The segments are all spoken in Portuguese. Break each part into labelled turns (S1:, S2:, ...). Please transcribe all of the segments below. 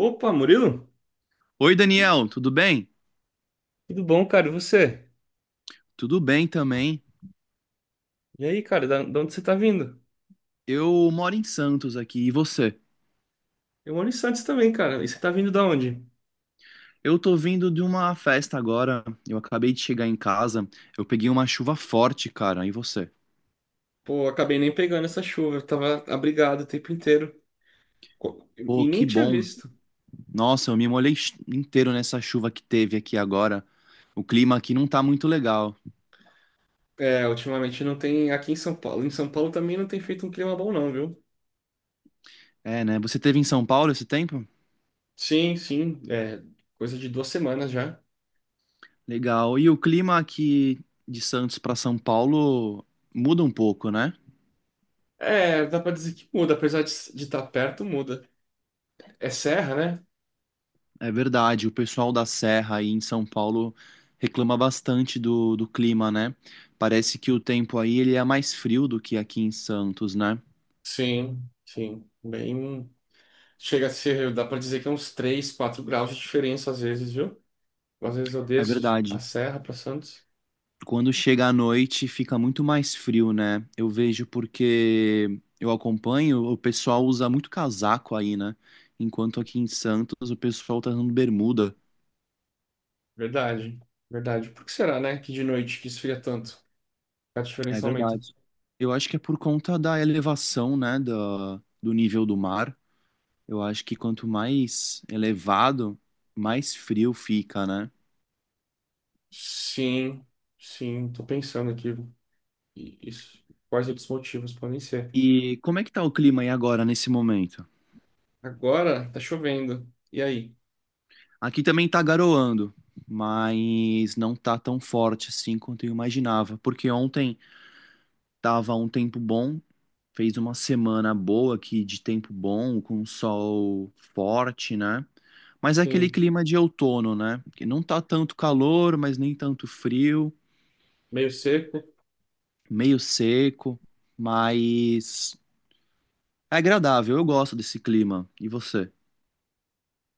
S1: Opa, Murilo?
S2: Oi, Daniel, tudo bem?
S1: Tudo bom, cara? E você?
S2: Tudo bem também.
S1: E aí, cara, da onde você tá vindo?
S2: Eu moro em Santos aqui, e você?
S1: Eu moro em Santos também, cara. E você tá vindo da onde?
S2: Eu tô vindo de uma festa agora. Eu acabei de chegar em casa. Eu peguei uma chuva forte, cara. E você?
S1: Pô, acabei nem pegando essa chuva. Eu tava abrigado o tempo inteiro.
S2: Pô,
S1: E
S2: que
S1: nem tinha
S2: bom.
S1: visto.
S2: Nossa, eu me molhei inteiro nessa chuva que teve aqui agora. O clima aqui não tá muito legal.
S1: É, ultimamente não tem aqui em São Paulo. Em São Paulo também não tem feito um clima bom, não, viu?
S2: É, né? Você teve em São Paulo esse tempo?
S1: Sim, sim. É coisa de duas semanas já.
S2: Legal. E o clima aqui de Santos pra São Paulo muda um pouco, né?
S1: É, dá pra dizer que muda. Apesar de estar perto, muda. É serra, né?
S2: É verdade, o pessoal da Serra aí em São Paulo reclama bastante do clima, né? Parece que o tempo aí ele é mais frio do que aqui em Santos, né?
S1: Sim, sim. Bem. Chega a ser, dá pra dizer que é uns 3 4 graus de diferença às vezes, viu? Às vezes eu
S2: É
S1: desço a
S2: verdade.
S1: serra pra Santos.
S2: Quando chega à noite fica muito mais frio, né? Eu vejo porque eu acompanho, o pessoal usa muito casaco aí, né? Enquanto aqui em Santos o pessoal tá usando bermuda.
S1: Verdade, verdade. Por que será, né, que de noite que esfria tanto? A
S2: É
S1: diferença aumenta.
S2: verdade. Eu acho que é por conta da elevação, né, do nível do mar. Eu acho que quanto mais elevado, mais frio fica, né?
S1: Sim, sim, tô pensando aqui. E isso, quais outros motivos podem ser?
S2: E como é que tá o clima aí agora, nesse momento?
S1: Agora tá chovendo. E aí?
S2: Aqui também tá garoando, mas não tá tão forte assim quanto eu imaginava, porque ontem tava um tempo bom, fez uma semana boa aqui de tempo bom, com sol forte, né? Mas é aquele
S1: Sim,
S2: clima de outono, né? Que não tá tanto calor, mas nem tanto frio,
S1: meio seco.
S2: meio seco, mas é agradável, eu gosto desse clima. E você?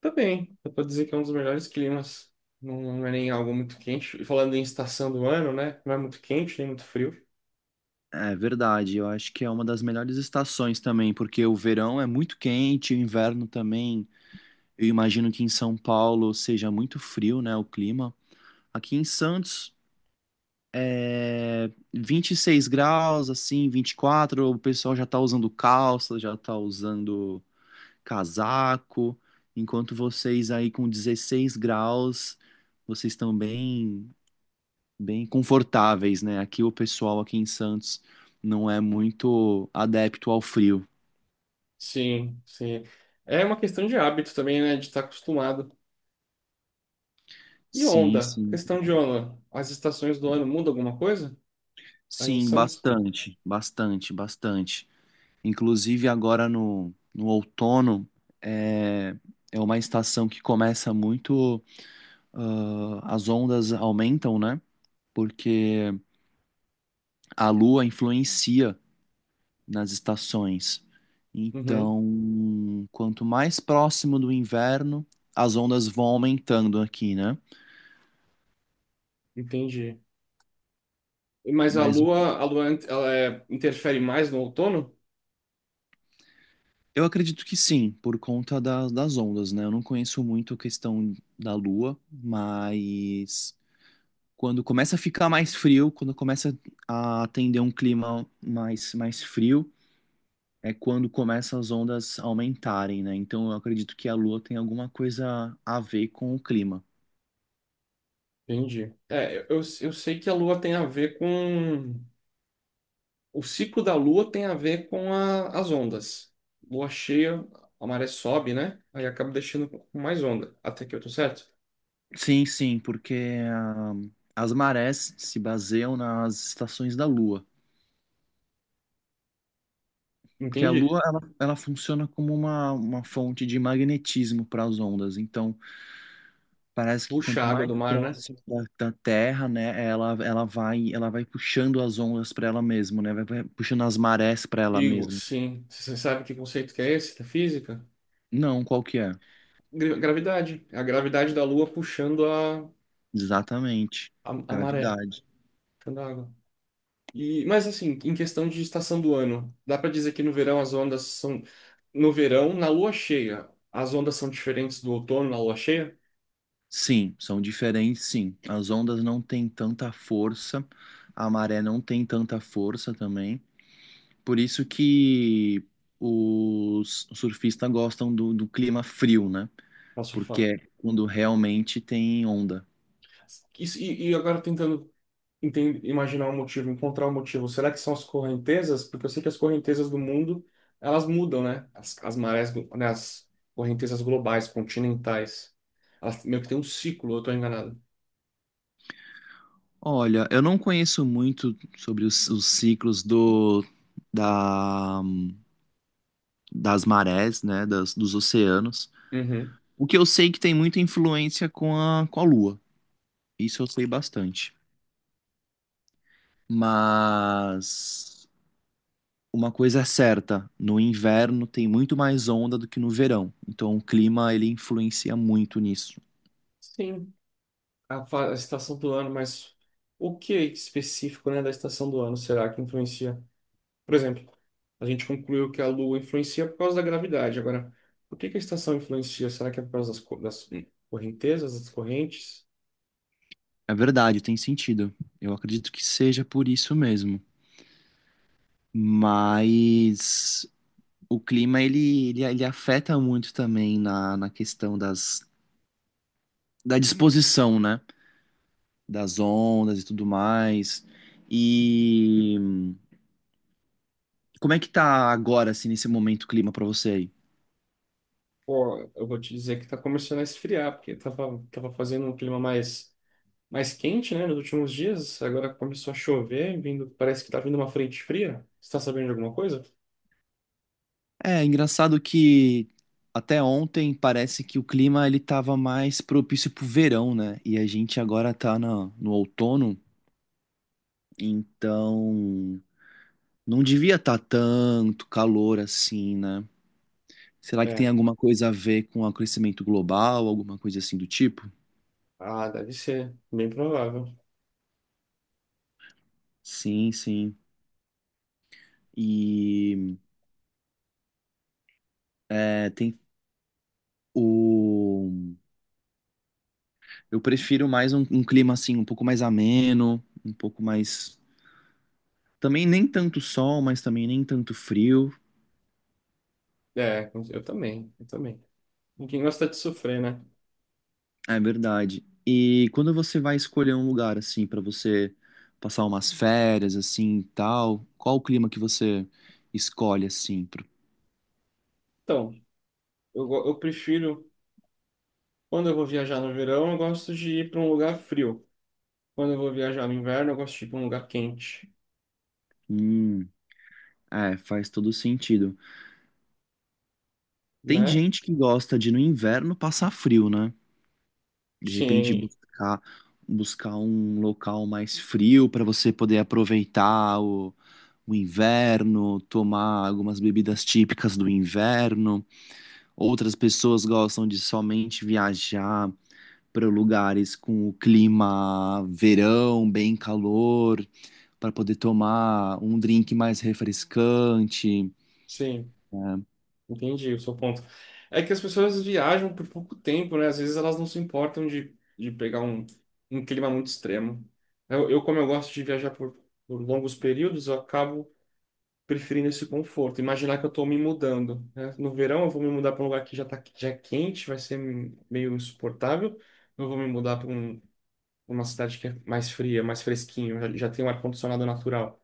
S1: Tá bem, dá pra dizer que é um dos melhores climas. Não, não é nem algo muito quente. E falando em estação do ano, né? Não é muito quente, nem muito frio.
S2: É verdade, eu acho que é uma das melhores estações também, porque o verão é muito quente, o inverno também. Eu imagino que em São Paulo seja muito frio, né, o clima. Aqui em Santos é 26 graus, assim, 24. O pessoal já tá usando calça, já tá usando casaco, enquanto vocês aí com 16 graus, vocês estão bem bem confortáveis, né? Aqui o pessoal aqui em Santos não é muito adepto ao frio.
S1: Sim, sim. É uma questão de hábito também, né? De estar acostumado. E
S2: Sim,
S1: onda?
S2: sim.
S1: Questão de onda. As estações do ano mudam alguma coisa? Aí em
S2: Sim,
S1: Santos?
S2: bastante, bastante, bastante. Inclusive agora no outono é, é uma estação que começa muito, ah, as ondas aumentam, né? Porque a lua influencia nas estações.
S1: Uhum,
S2: Então, quanto mais próximo do inverno, as ondas vão aumentando aqui, né?
S1: entendi. Mas a
S2: Mas
S1: lua, a lua, int- ela é- interfere mais no outono?
S2: eu acredito que sim, por conta da- das ondas, né? Eu não conheço muito a questão da Lua, mas quando começa a ficar mais frio, quando começa a atender um clima mais, mais frio, é quando começa as ondas aumentarem, né? Então eu acredito que a Lua tem alguma coisa a ver com o clima.
S1: Entendi. É, eu sei que a lua tem a ver com o ciclo da lua tem a ver com as ondas. Lua cheia, a maré sobe, né? Aí acaba deixando com mais onda. Até que eu tô certo?
S2: Sim, sim, porque ah, as marés se baseiam nas estações da Lua. Porque a
S1: Entendi.
S2: Lua, ela funciona como uma fonte de magnetismo para as ondas. Então, parece que
S1: Puxa a
S2: quanto
S1: água
S2: mais
S1: do mar, né?
S2: próximo da Terra, né, ela, ela vai puxando as ondas para ela mesma, né? Vai, vai puxando as marés para ela
S1: Igor,
S2: mesma.
S1: sim. Você sabe que conceito que é esse da física?
S2: Não, qual que é?
S1: Gravidade. É a gravidade da Lua puxando a,
S2: Exatamente.
S1: a, a maré,
S2: Gravidade.
S1: puxando a água. E, mas assim, em questão de estação do ano, dá para dizer que no verão as ondas são. No verão, na lua cheia, as ondas são diferentes do outono na lua cheia?
S2: Sim, são diferentes, sim. As ondas não têm tanta força, a maré não tem tanta força também. Por isso que os surfistas gostam do clima frio, né?
S1: Posso
S2: Porque
S1: falar?
S2: é quando realmente tem onda.
S1: Isso, e agora tentando imaginar um motivo, encontrar um motivo. Será que são as correntezas? Porque eu sei que as correntezas do mundo, elas mudam, né? As marés, né? As correntezas globais, continentais. Elas meio que tem um ciclo, eu tô enganado.
S2: Olha, eu não conheço muito sobre os ciclos do, da, das marés, né, das, dos oceanos.
S1: Uhum.
S2: O que eu sei é que tem muita influência com a Lua. Isso eu sei bastante. Mas uma coisa é certa, no inverno tem muito mais onda do que no verão. Então o clima ele influencia muito nisso.
S1: Sim, a estação do ano, mas o que específico, né, da estação do ano será que influencia? Por exemplo, a gente concluiu que a Lua influencia por causa da gravidade. Agora, por que que a estação influencia? Será que é por causa das correntezas, das correntes?
S2: É verdade, tem sentido. Eu acredito que seja por isso mesmo. Mas o clima ele, ele, ele afeta muito também na, na questão das, da disposição, né? Das ondas e tudo mais. E como é que tá agora, assim, nesse momento o clima pra você aí?
S1: Pô, eu vou te dizer que tá começando a esfriar, porque tava fazendo um clima mais, mais quente, né, nos últimos dias. Agora começou a chover, vindo, parece que tá vindo uma frente fria. Você tá sabendo de alguma coisa?
S2: É engraçado que até ontem parece que o clima ele tava mais propício pro verão, né? E a gente agora tá na, no outono, então não devia estar tanto calor assim, né? Será que tem
S1: É.
S2: alguma coisa a ver com o aquecimento global, alguma coisa assim do tipo?
S1: Ah, deve ser. Bem provável.
S2: Sim, sim. E é, tem o. Eu prefiro mais um clima assim, um pouco mais ameno, um pouco mais. Também nem tanto sol, mas também nem tanto frio.
S1: É, eu também. Ninguém gosta de sofrer, né?
S2: É verdade. E quando você vai escolher um lugar assim pra você passar umas férias assim, e tal, qual o clima que você escolhe assim? Pro-
S1: Então, eu prefiro, quando eu vou viajar no verão, eu gosto de ir para um lugar frio. Quando eu vou viajar no inverno, eu gosto de ir para um lugar quente,
S2: Hum, é, faz todo sentido. Tem
S1: né?
S2: gente que gosta de no inverno passar frio, né? De repente
S1: Sim,
S2: buscar, buscar um local mais frio para você poder aproveitar o inverno, tomar algumas bebidas típicas do inverno. Outras pessoas gostam de somente viajar para lugares com o clima verão, bem calor, para poder tomar um drink mais refrescante.
S1: sim.
S2: Né?
S1: Entendi o seu ponto. É que as pessoas viajam por pouco tempo, né? Às vezes elas não se importam de pegar um clima muito extremo. Como eu gosto de viajar por longos períodos, eu acabo preferindo esse conforto. Imaginar que eu estou me mudando, né? No verão eu vou me mudar para um lugar que já tá, já é quente, vai ser meio insuportável. Eu vou me mudar uma cidade que é mais fria, mais fresquinho, já tem um ar-condicionado natural.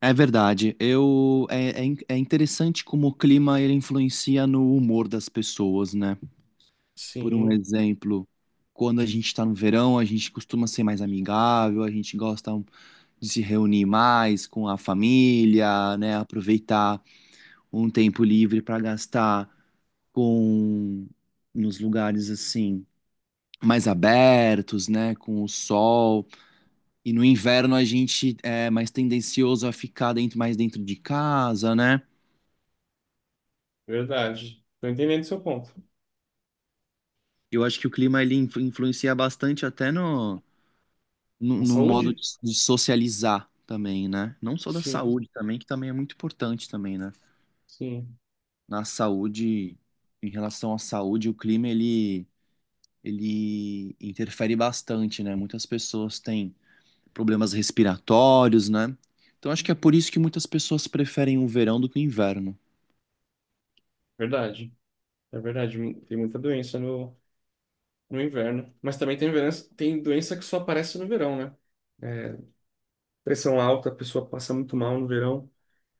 S2: É verdade. Eu é, é, in- é interessante como o clima ele influencia no humor das pessoas, né? Por um
S1: Sim,
S2: exemplo, quando a gente está no verão, a gente costuma ser mais amigável, a gente gosta de se reunir mais com a família, né? Aproveitar um tempo livre para gastar com nos lugares assim mais abertos, né? Com o sol. E no inverno a gente é mais tendencioso a ficar dentro, mais dentro de casa, né?
S1: verdade. Estou entendendo o seu ponto.
S2: Eu acho que o clima ele influencia bastante até no, no,
S1: A
S2: no modo
S1: saúde?
S2: de socializar também, né? Não só da
S1: Sim.
S2: saúde também, que também é muito importante também, né?
S1: Sim.
S2: Na saúde, em relação à saúde, o clima ele, ele interfere bastante, né? Muitas pessoas têm problemas respiratórios, né? Então acho que é por isso que muitas pessoas preferem o verão do que o inverno.
S1: Verdade, é verdade. Tem muita doença no, no inverno. Mas também tem doença que só aparece no verão, né? É, pressão alta, a pessoa passa muito mal no verão.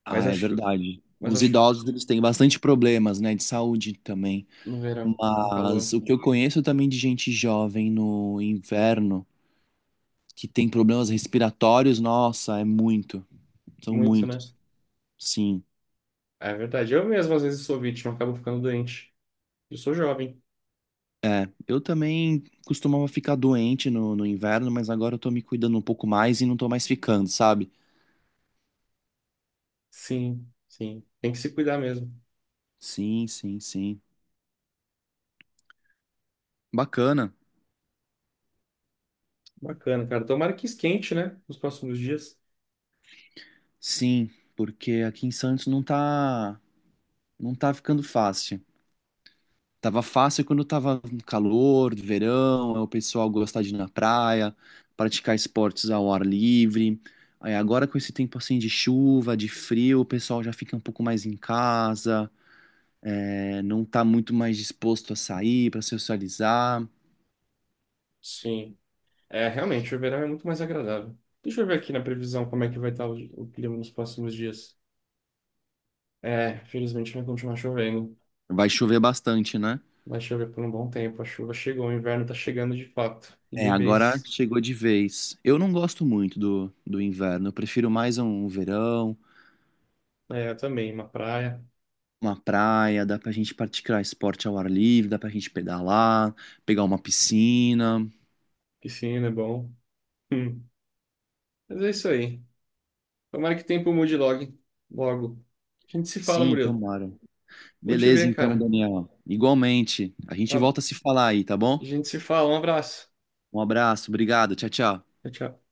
S2: Ah,
S1: Mas
S2: é
S1: acho que,
S2: verdade.
S1: mas
S2: Os
S1: acho que
S2: idosos eles têm bastante problemas, né, de saúde também.
S1: no verão, no
S2: Mas
S1: calor,
S2: o que eu conheço também de gente jovem no inverno que tem problemas respiratórios, nossa, é muito. São
S1: muito, né?
S2: muitos. Sim.
S1: É verdade. Eu mesmo às vezes sou vítima, acabo ficando doente. Eu sou jovem.
S2: É. Eu também costumava ficar doente no inverno, mas agora eu tô me cuidando um pouco mais e não tô mais ficando, sabe?
S1: Sim, sim. Tem que se cuidar mesmo.
S2: Sim, sim, sim. Bacana.
S1: Bacana, cara. Tomara que esquente, né? Nos próximos dias.
S2: Sim, porque aqui em Santos não tá, não tá ficando fácil. Tava fácil quando tava calor, verão, é o pessoal gostar de ir na praia, praticar esportes ao ar livre. Aí agora com esse tempo assim de chuva, de frio, o pessoal já fica um pouco mais em casa, é, não tá muito mais disposto a sair para socializar.
S1: Sim. É, realmente, o verão é muito mais agradável. Deixa eu ver aqui na previsão como é que vai estar o clima nos próximos dias. É, felizmente vai continuar chovendo.
S2: Vai chover bastante, né?
S1: Vai chover por um bom tempo. A chuva chegou, o inverno tá chegando de fato. E
S2: É,
S1: de
S2: agora
S1: vez.
S2: chegou de vez. Eu não gosto muito do inverno, eu prefiro mais um verão,
S1: É, eu também. Uma praia,
S2: uma praia, dá pra gente praticar esporte ao ar livre, dá pra gente pedalar, pegar uma piscina.
S1: piscina é bom. Hum. Mas é isso aí. Tomara que o tempo mude logo. Logo. A gente se fala,
S2: Sim,
S1: Murilo.
S2: tomara.
S1: Bom te
S2: Beleza,
S1: ver,
S2: então,
S1: cara.
S2: Daniel. Igualmente. A gente
S1: Um-
S2: volta a se falar aí, tá
S1: A
S2: bom?
S1: gente se fala. Um abraço.
S2: Um abraço, obrigado, tchau, tchau.
S1: Tchau, tchau.